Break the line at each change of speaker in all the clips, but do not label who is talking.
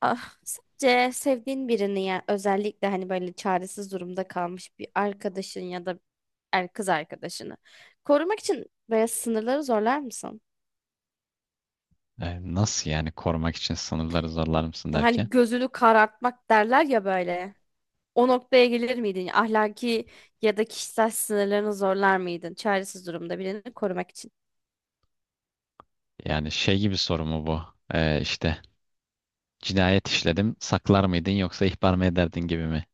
Ah, sadece sevdiğin birini yani özellikle hani böyle çaresiz durumda kalmış bir arkadaşın ya da kız arkadaşını korumak için böyle sınırları zorlar mısın?
Nasıl yani korumak için sınırları zorlar mısın derken?
Hani gözünü karartmak derler ya böyle. O noktaya gelir miydin? Ahlaki ya da kişisel sınırlarını zorlar mıydın? Çaresiz durumda birini korumak için.
Yani şey gibi soru mu bu? İşte cinayet işledim saklar mıydın yoksa ihbar mı ederdin gibi mi?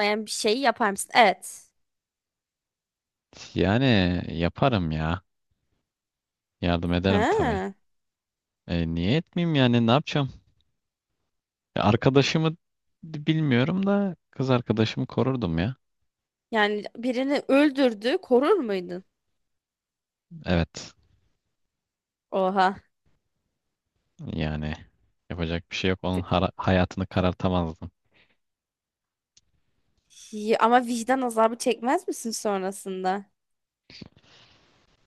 Yani bir şeyi yapar mısın? Evet.
Yani yaparım ya. Yardım ederim tabii.
Ha.
Niye etmeyeyim yani ne yapacağım? Arkadaşımı bilmiyorum da kız arkadaşımı korurdum ya.
Yani birini öldürdü, korur muydun?
Evet
Oha.
yani yapacak bir şey yok. Onun hayatını karartamazdım.
Ama vicdan azabı çekmez misin sonrasında?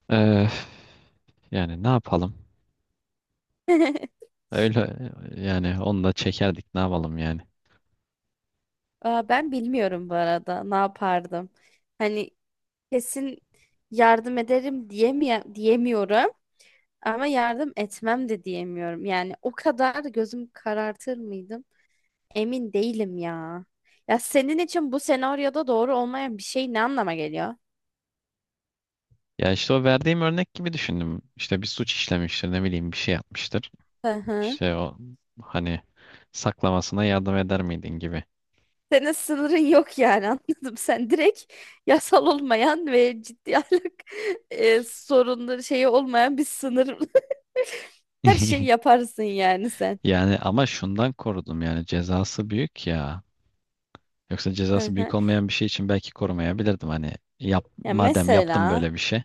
E, Yani ne yapalım? Öyle yani onu da çekerdik ne yapalım yani.
Aa, ben bilmiyorum bu arada ne yapardım. Hani kesin yardım ederim diyemiyorum ama yardım etmem de diyemiyorum. Yani o kadar gözüm karartır mıydım? Emin değilim ya. Ya senin için bu senaryoda doğru olmayan bir şey ne anlama geliyor?
Ya işte o verdiğim örnek gibi düşündüm. İşte bir suç işlemiştir, ne bileyim bir şey yapmıştır.
Hı hı.
İşte o hani saklamasına yardım eder miydin gibi.
Senin sınırın yok yani anladım. Sen direkt yasal olmayan ve ciddi ahlak sorunları şeyi olmayan bir sınır. Her şeyi yaparsın yani sen.
Yani ama şundan korudum yani cezası büyük ya. Yoksa
Hı
cezası büyük
hı.
olmayan bir şey için belki korumayabilirdim hani yap,
Ya
madem yaptım
mesela
böyle bir şey.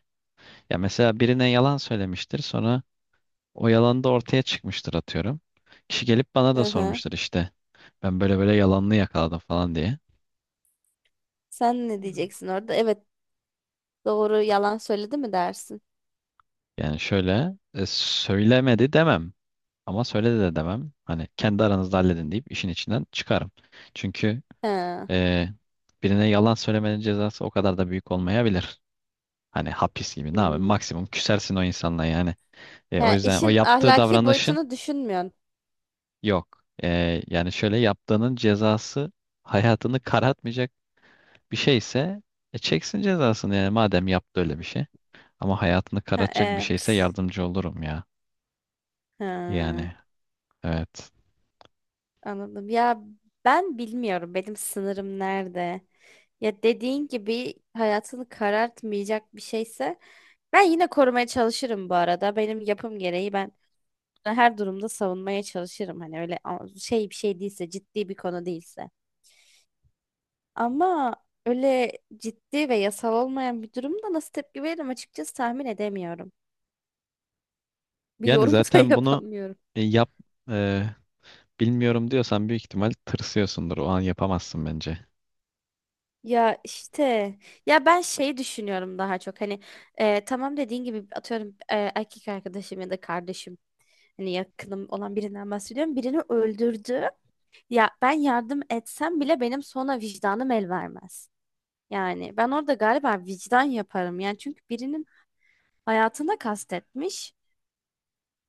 Ya mesela birine yalan söylemiştir sonra o yalan da ortaya çıkmıştır atıyorum. Kişi gelip bana da
hı hı.
sormuştur işte ben böyle böyle yalanını yakaladım falan diye.
Sen ne diyeceksin orada? Evet doğru yalan söyledi mi dersin?
Yani şöyle söylemedi demem ama söyledi de demem. Hani kendi aranızda halledin deyip işin içinden çıkarım. Çünkü
Ha.
e, birine yalan söylemenin cezası o kadar da büyük olmayabilir. Hani hapis gibi ne yapayım
Hmm.
maksimum küsersin o insanla yani. O
Ha,
yüzden o
işin
yaptığı
ahlaki
davranışın
boyutunu düşünmüyorsun.
yok. Yani şöyle yaptığının cezası hayatını karartmayacak bir şeyse çeksin cezasını yani madem yaptı öyle bir şey. Ama hayatını
Ha,
karartacak bir şeyse
evet.
yardımcı olurum ya.
Ha,
Yani evet.
anladım. Ya ben bilmiyorum benim sınırım nerede. Ya dediğin gibi hayatını karartmayacak bir şeyse ben yine korumaya çalışırım bu arada. Benim yapım gereği ben her durumda savunmaya çalışırım. Hani öyle şey bir şey değilse ciddi bir konu değilse. Ama öyle ciddi ve yasal olmayan bir durumda nasıl tepki veririm açıkçası tahmin edemiyorum. Bir
Yani
yorum da
zaten bunu
yapamıyorum.
e, yap e, bilmiyorum diyorsan büyük ihtimal tırsıyorsundur. O an yapamazsın bence.
Ya işte ya ben şey düşünüyorum daha çok hani tamam dediğin gibi atıyorum erkek arkadaşım ya da kardeşim hani yakınım olan birinden bahsediyorum birini öldürdü ya ben yardım etsem bile benim sonra vicdanım el vermez yani ben orada galiba vicdan yaparım yani çünkü birinin hayatına kastetmiş.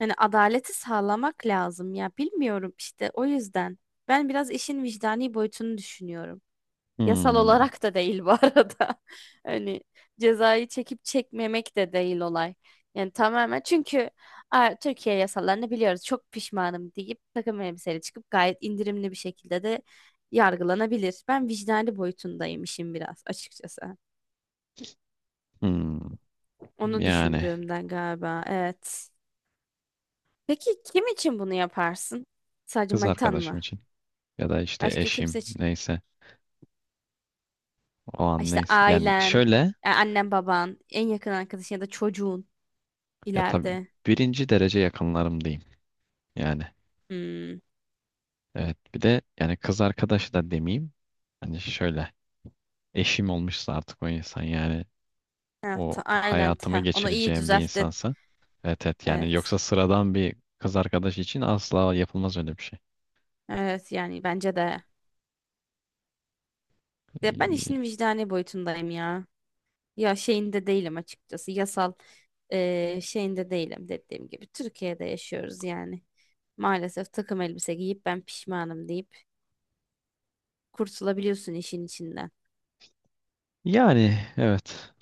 Yani adaleti sağlamak lazım ya bilmiyorum işte o yüzden. Ben biraz işin vicdani boyutunu düşünüyorum. Yasal
Hmm,
olarak da değil bu arada. Hani cezayı çekip çekmemek de değil olay. Yani tamamen çünkü "Aa, Türkiye yasalarını biliyoruz çok pişmanım deyip takım elbiseyle çıkıp gayet indirimli bir şekilde de yargılanabilir. Ben vicdani boyutundayım işin biraz açıkçası.
hmm.
Onu
Yani
düşündüğümden galiba evet. Peki kim için bunu yaparsın? Sadece
kız
manitan
arkadaşım
mı?
için ya da işte
Başka
eşim
kimse için.
neyse o an
İşte
neyse. Yani
ailen,
şöyle
annen baban, en yakın arkadaşın ya da çocuğun
ya tabii
ileride.
birinci derece yakınlarım diyeyim. Yani
Hmm.
evet bir de yani kız arkadaşı da demeyeyim. Hani şöyle eşim olmuşsa artık o insan yani
Ha,
o
aynen.
hayatımı
Ha, onu iyi
geçireceğim bir
düzelttin.
insansa. Evet evet yani
Evet.
yoksa sıradan bir kız arkadaş için asla yapılmaz öyle bir şey.
Evet yani bence de. De ben
Ee,
işin vicdani boyutundayım ya. Ya şeyinde değilim açıkçası. Yasal şeyinde değilim dediğim gibi. Türkiye'de yaşıyoruz yani. Maalesef takım elbise giyip ben pişmanım deyip kurtulabiliyorsun işin içinden.
Yani evet.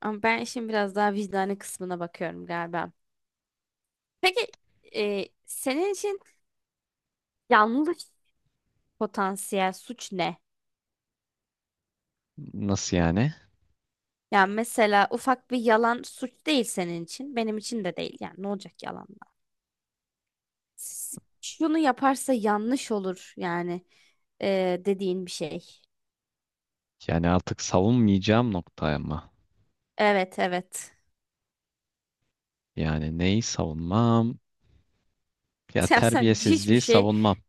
Ama ben işin biraz daha vicdani kısmına bakıyorum galiba. Peki senin için yanlış potansiyel suç ne?
Nasıl yani?
Yani mesela ufak bir yalan suç değil senin için. Benim için de değil. Yani ne olacak yalanla? S- Şunu yaparsa yanlış olur yani dediğin bir şey.
Yani artık savunmayacağım noktaya mı?
Evet evet.
Yani neyi savunmam? Ya
Ya sen hiçbir
terbiyesizliği
şey.
savunmam.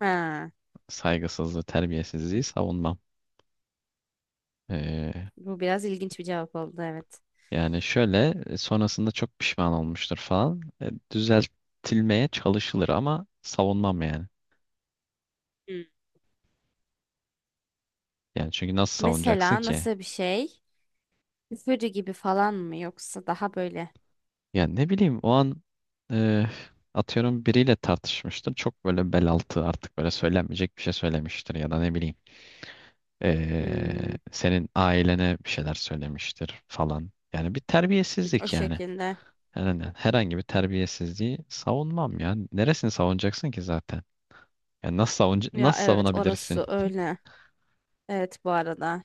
Ha,
Saygısızlığı, terbiyesizliği savunmam. Ee,
bu biraz ilginç bir cevap oldu evet.
Yani şöyle sonrasında çok pişman olmuştur falan. Düzeltilmeye çalışılır ama savunmam yani.
Hmm.
Yani çünkü nasıl savunacaksın
Mesela
ki?
nasıl bir şey? Üfürü gibi falan mı yoksa daha böyle?
Ya ne bileyim o an e, atıyorum biriyle tartışmıştır. Çok böyle bel altı artık böyle söylenmeyecek bir şey söylemiştir ya da ne bileyim
Hmm,
senin ailene bir şeyler söylemiştir falan. Yani bir
o
terbiyesizlik yani.
şekilde.
Herhangi bir terbiyesizliği savunmam ya. Neresini savunacaksın ki zaten? Ya
Ya
nasıl
evet
savunabilirsin?
orası öyle. Evet bu arada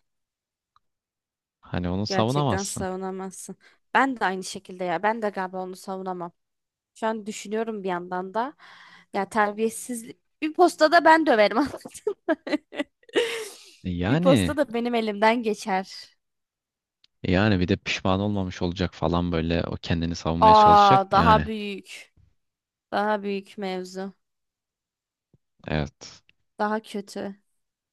Hani onu
gerçekten
savunamazsın.
savunamazsın. Ben de aynı şekilde ya ben de galiba onu savunamam. Şu an düşünüyorum bir yandan da. Ya terbiyesizlik bir postada ben döverim. anladın mı?
E
Bir posta
Yani
da benim elimden geçer.
e yani bir de pişman olmamış olacak falan böyle o kendini savunmaya çalışacak.
Aa daha
Yani
büyük. Daha büyük mevzu.
evet.
Daha kötü.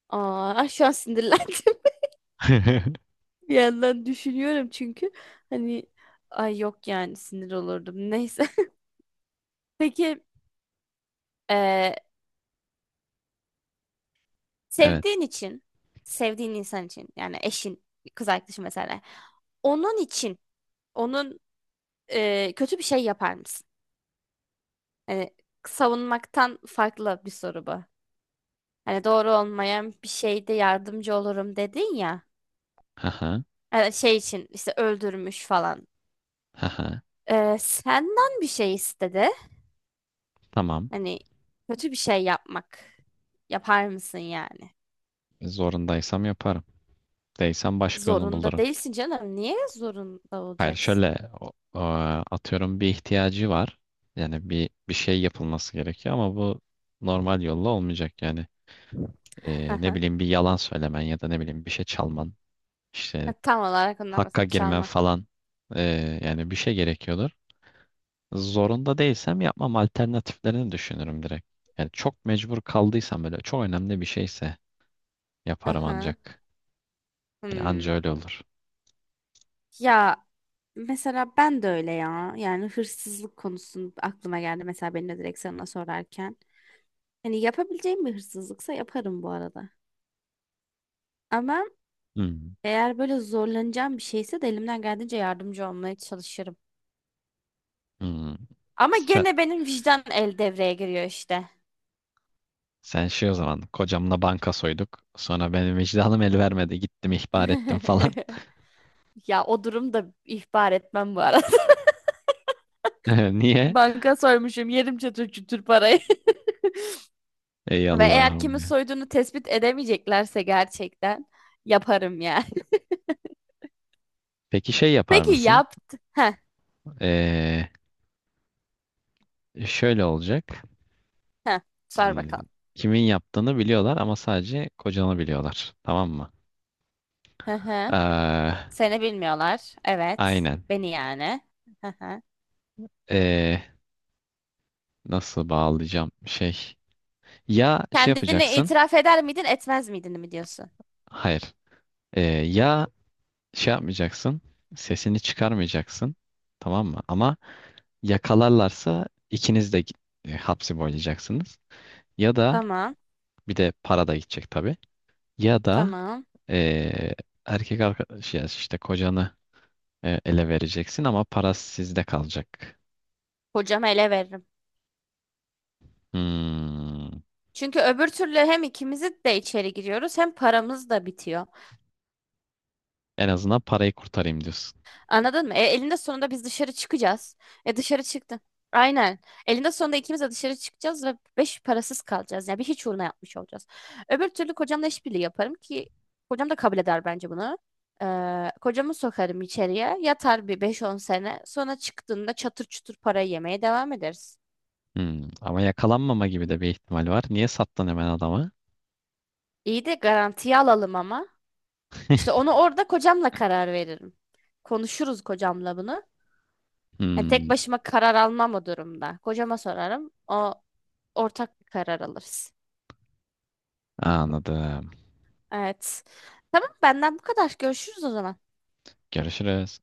Aa şu an sinirlendim. Bir yandan düşünüyorum çünkü hani ay yok yani sinir olurdum. Neyse. Peki eee,
Evet.
sevdiğin için, sevdiğin insan için yani eşin, kız arkadaşın mesela. Onun için, onun kötü bir şey yapar mısın? Yani savunmaktan farklı bir soru bu. Hani doğru olmayan bir şeyde yardımcı olurum dedin ya.
Haha,
Yani şey için işte öldürmüş falan.
haha.
E, senden bir şey istedi.
Tamam.
Hani kötü bir şey yapmak. Yapar mısın yani?
Zorundaysam yaparım. Değilsem başka yolunu
Zorunda
bulurum.
değilsin canım. Niye zorunda
Hayır,
olacaksın?
şöyle atıyorum bir ihtiyacı var. Yani bir şey yapılması gerekiyor ama bu normal yolla olmayacak yani. Ne bileyim bir yalan söylemen ya da ne bileyim bir şey çalman, işte
Tam olarak ondan
hakka
bahsediyorum.
girmen
Çalmak.
falan. Yani bir şey gerekiyordur. Zorunda değilsem yapmam alternatiflerini düşünürüm direkt. Yani çok mecbur kaldıysam böyle çok önemli bir şeyse yaparım
Aha.
ancak. Yani anca
Hmm.
öyle olur.
Ya mesela ben de öyle ya. Yani hırsızlık konusu aklıma geldi mesela beni de direkt sana sorarken. Hani yapabileceğim bir hırsızlıksa yaparım bu arada. Ama
Hmm.
eğer böyle zorlanacağım bir şeyse de elimden geldiğince yardımcı olmaya çalışırım.
Hmm.
Ama
Sen,
gene benim vicdan el devreye giriyor işte.
sen şey o zaman kocamla banka soyduk. Sonra benim vicdanım el vermedi. Gittim ihbar ettim falan.
Ya o durumda ihbar etmem bu arada.
Niye?
Banka soymuşum yerim çatır çutur parayı.
Ey
Ve eğer
Allah'ım.
kimi
Ya.
soyduğunu tespit edemeyeceklerse gerçekten yaparım yani.
Peki şey yapar
Peki
mısın?
yaptı. Heh,
Ee, Şöyle olacak.
heh. Sor
Ee,
bakalım.
Kimin yaptığını biliyorlar ama sadece kocanı biliyorlar. Tamam mı?
Hı hı.
Ee,
Seni bilmiyorlar. Evet.
aynen.
Beni yani. Hı hı.
Ee, Nasıl bağlayacağım şey? Ya şey
Kendini
yapacaksın.
itiraf eder miydin, etmez miydin mi diyorsun?
Hayır. Ee, ya şey yapmayacaksın. Sesini çıkarmayacaksın. Tamam mı? Ama Yakalarlarsa ikiniz de hapsi boylayacaksınız. Ya da
Tamam.
bir de para da gidecek tabii. Ya da
Tamam.
e, erkek arkadaş ya işte kocanı ele vereceksin ama para sizde kalacak.
Kocama ele veririm.
Hmm.
Çünkü öbür türlü hem ikimiz de içeri giriyoruz hem paramız da bitiyor.
En azından parayı kurtarayım diyorsun.
Anladın mı? E, elinde sonunda biz dışarı çıkacağız. E dışarı çıktın. Aynen. Elinde sonunda ikimiz de dışarı çıkacağız ve beş parasız kalacağız. Yani bir hiç uğruna yapmış olacağız. Öbür türlü kocamla işbirliği yaparım ki kocam da kabul eder bence bunu. Kocamı sokarım içeriye. Yatar bir beş on sene. Sonra çıktığında çatır çutur parayı yemeye devam ederiz.
Hmm. Ama yakalanmama gibi de bir ihtimal var. Niye sattın hemen adama?
İyi de garantiye alalım ama. İşte onu orada kocamla karar veririm. Konuşuruz kocamla bunu. Yani
Hmm.
tek başıma karar almam o durumda. Kocama sorarım. O ortak bir karar alırız.
Anladım.
Evet. Tamam benden bu kadar. Görüşürüz o zaman.
Görüşürüz.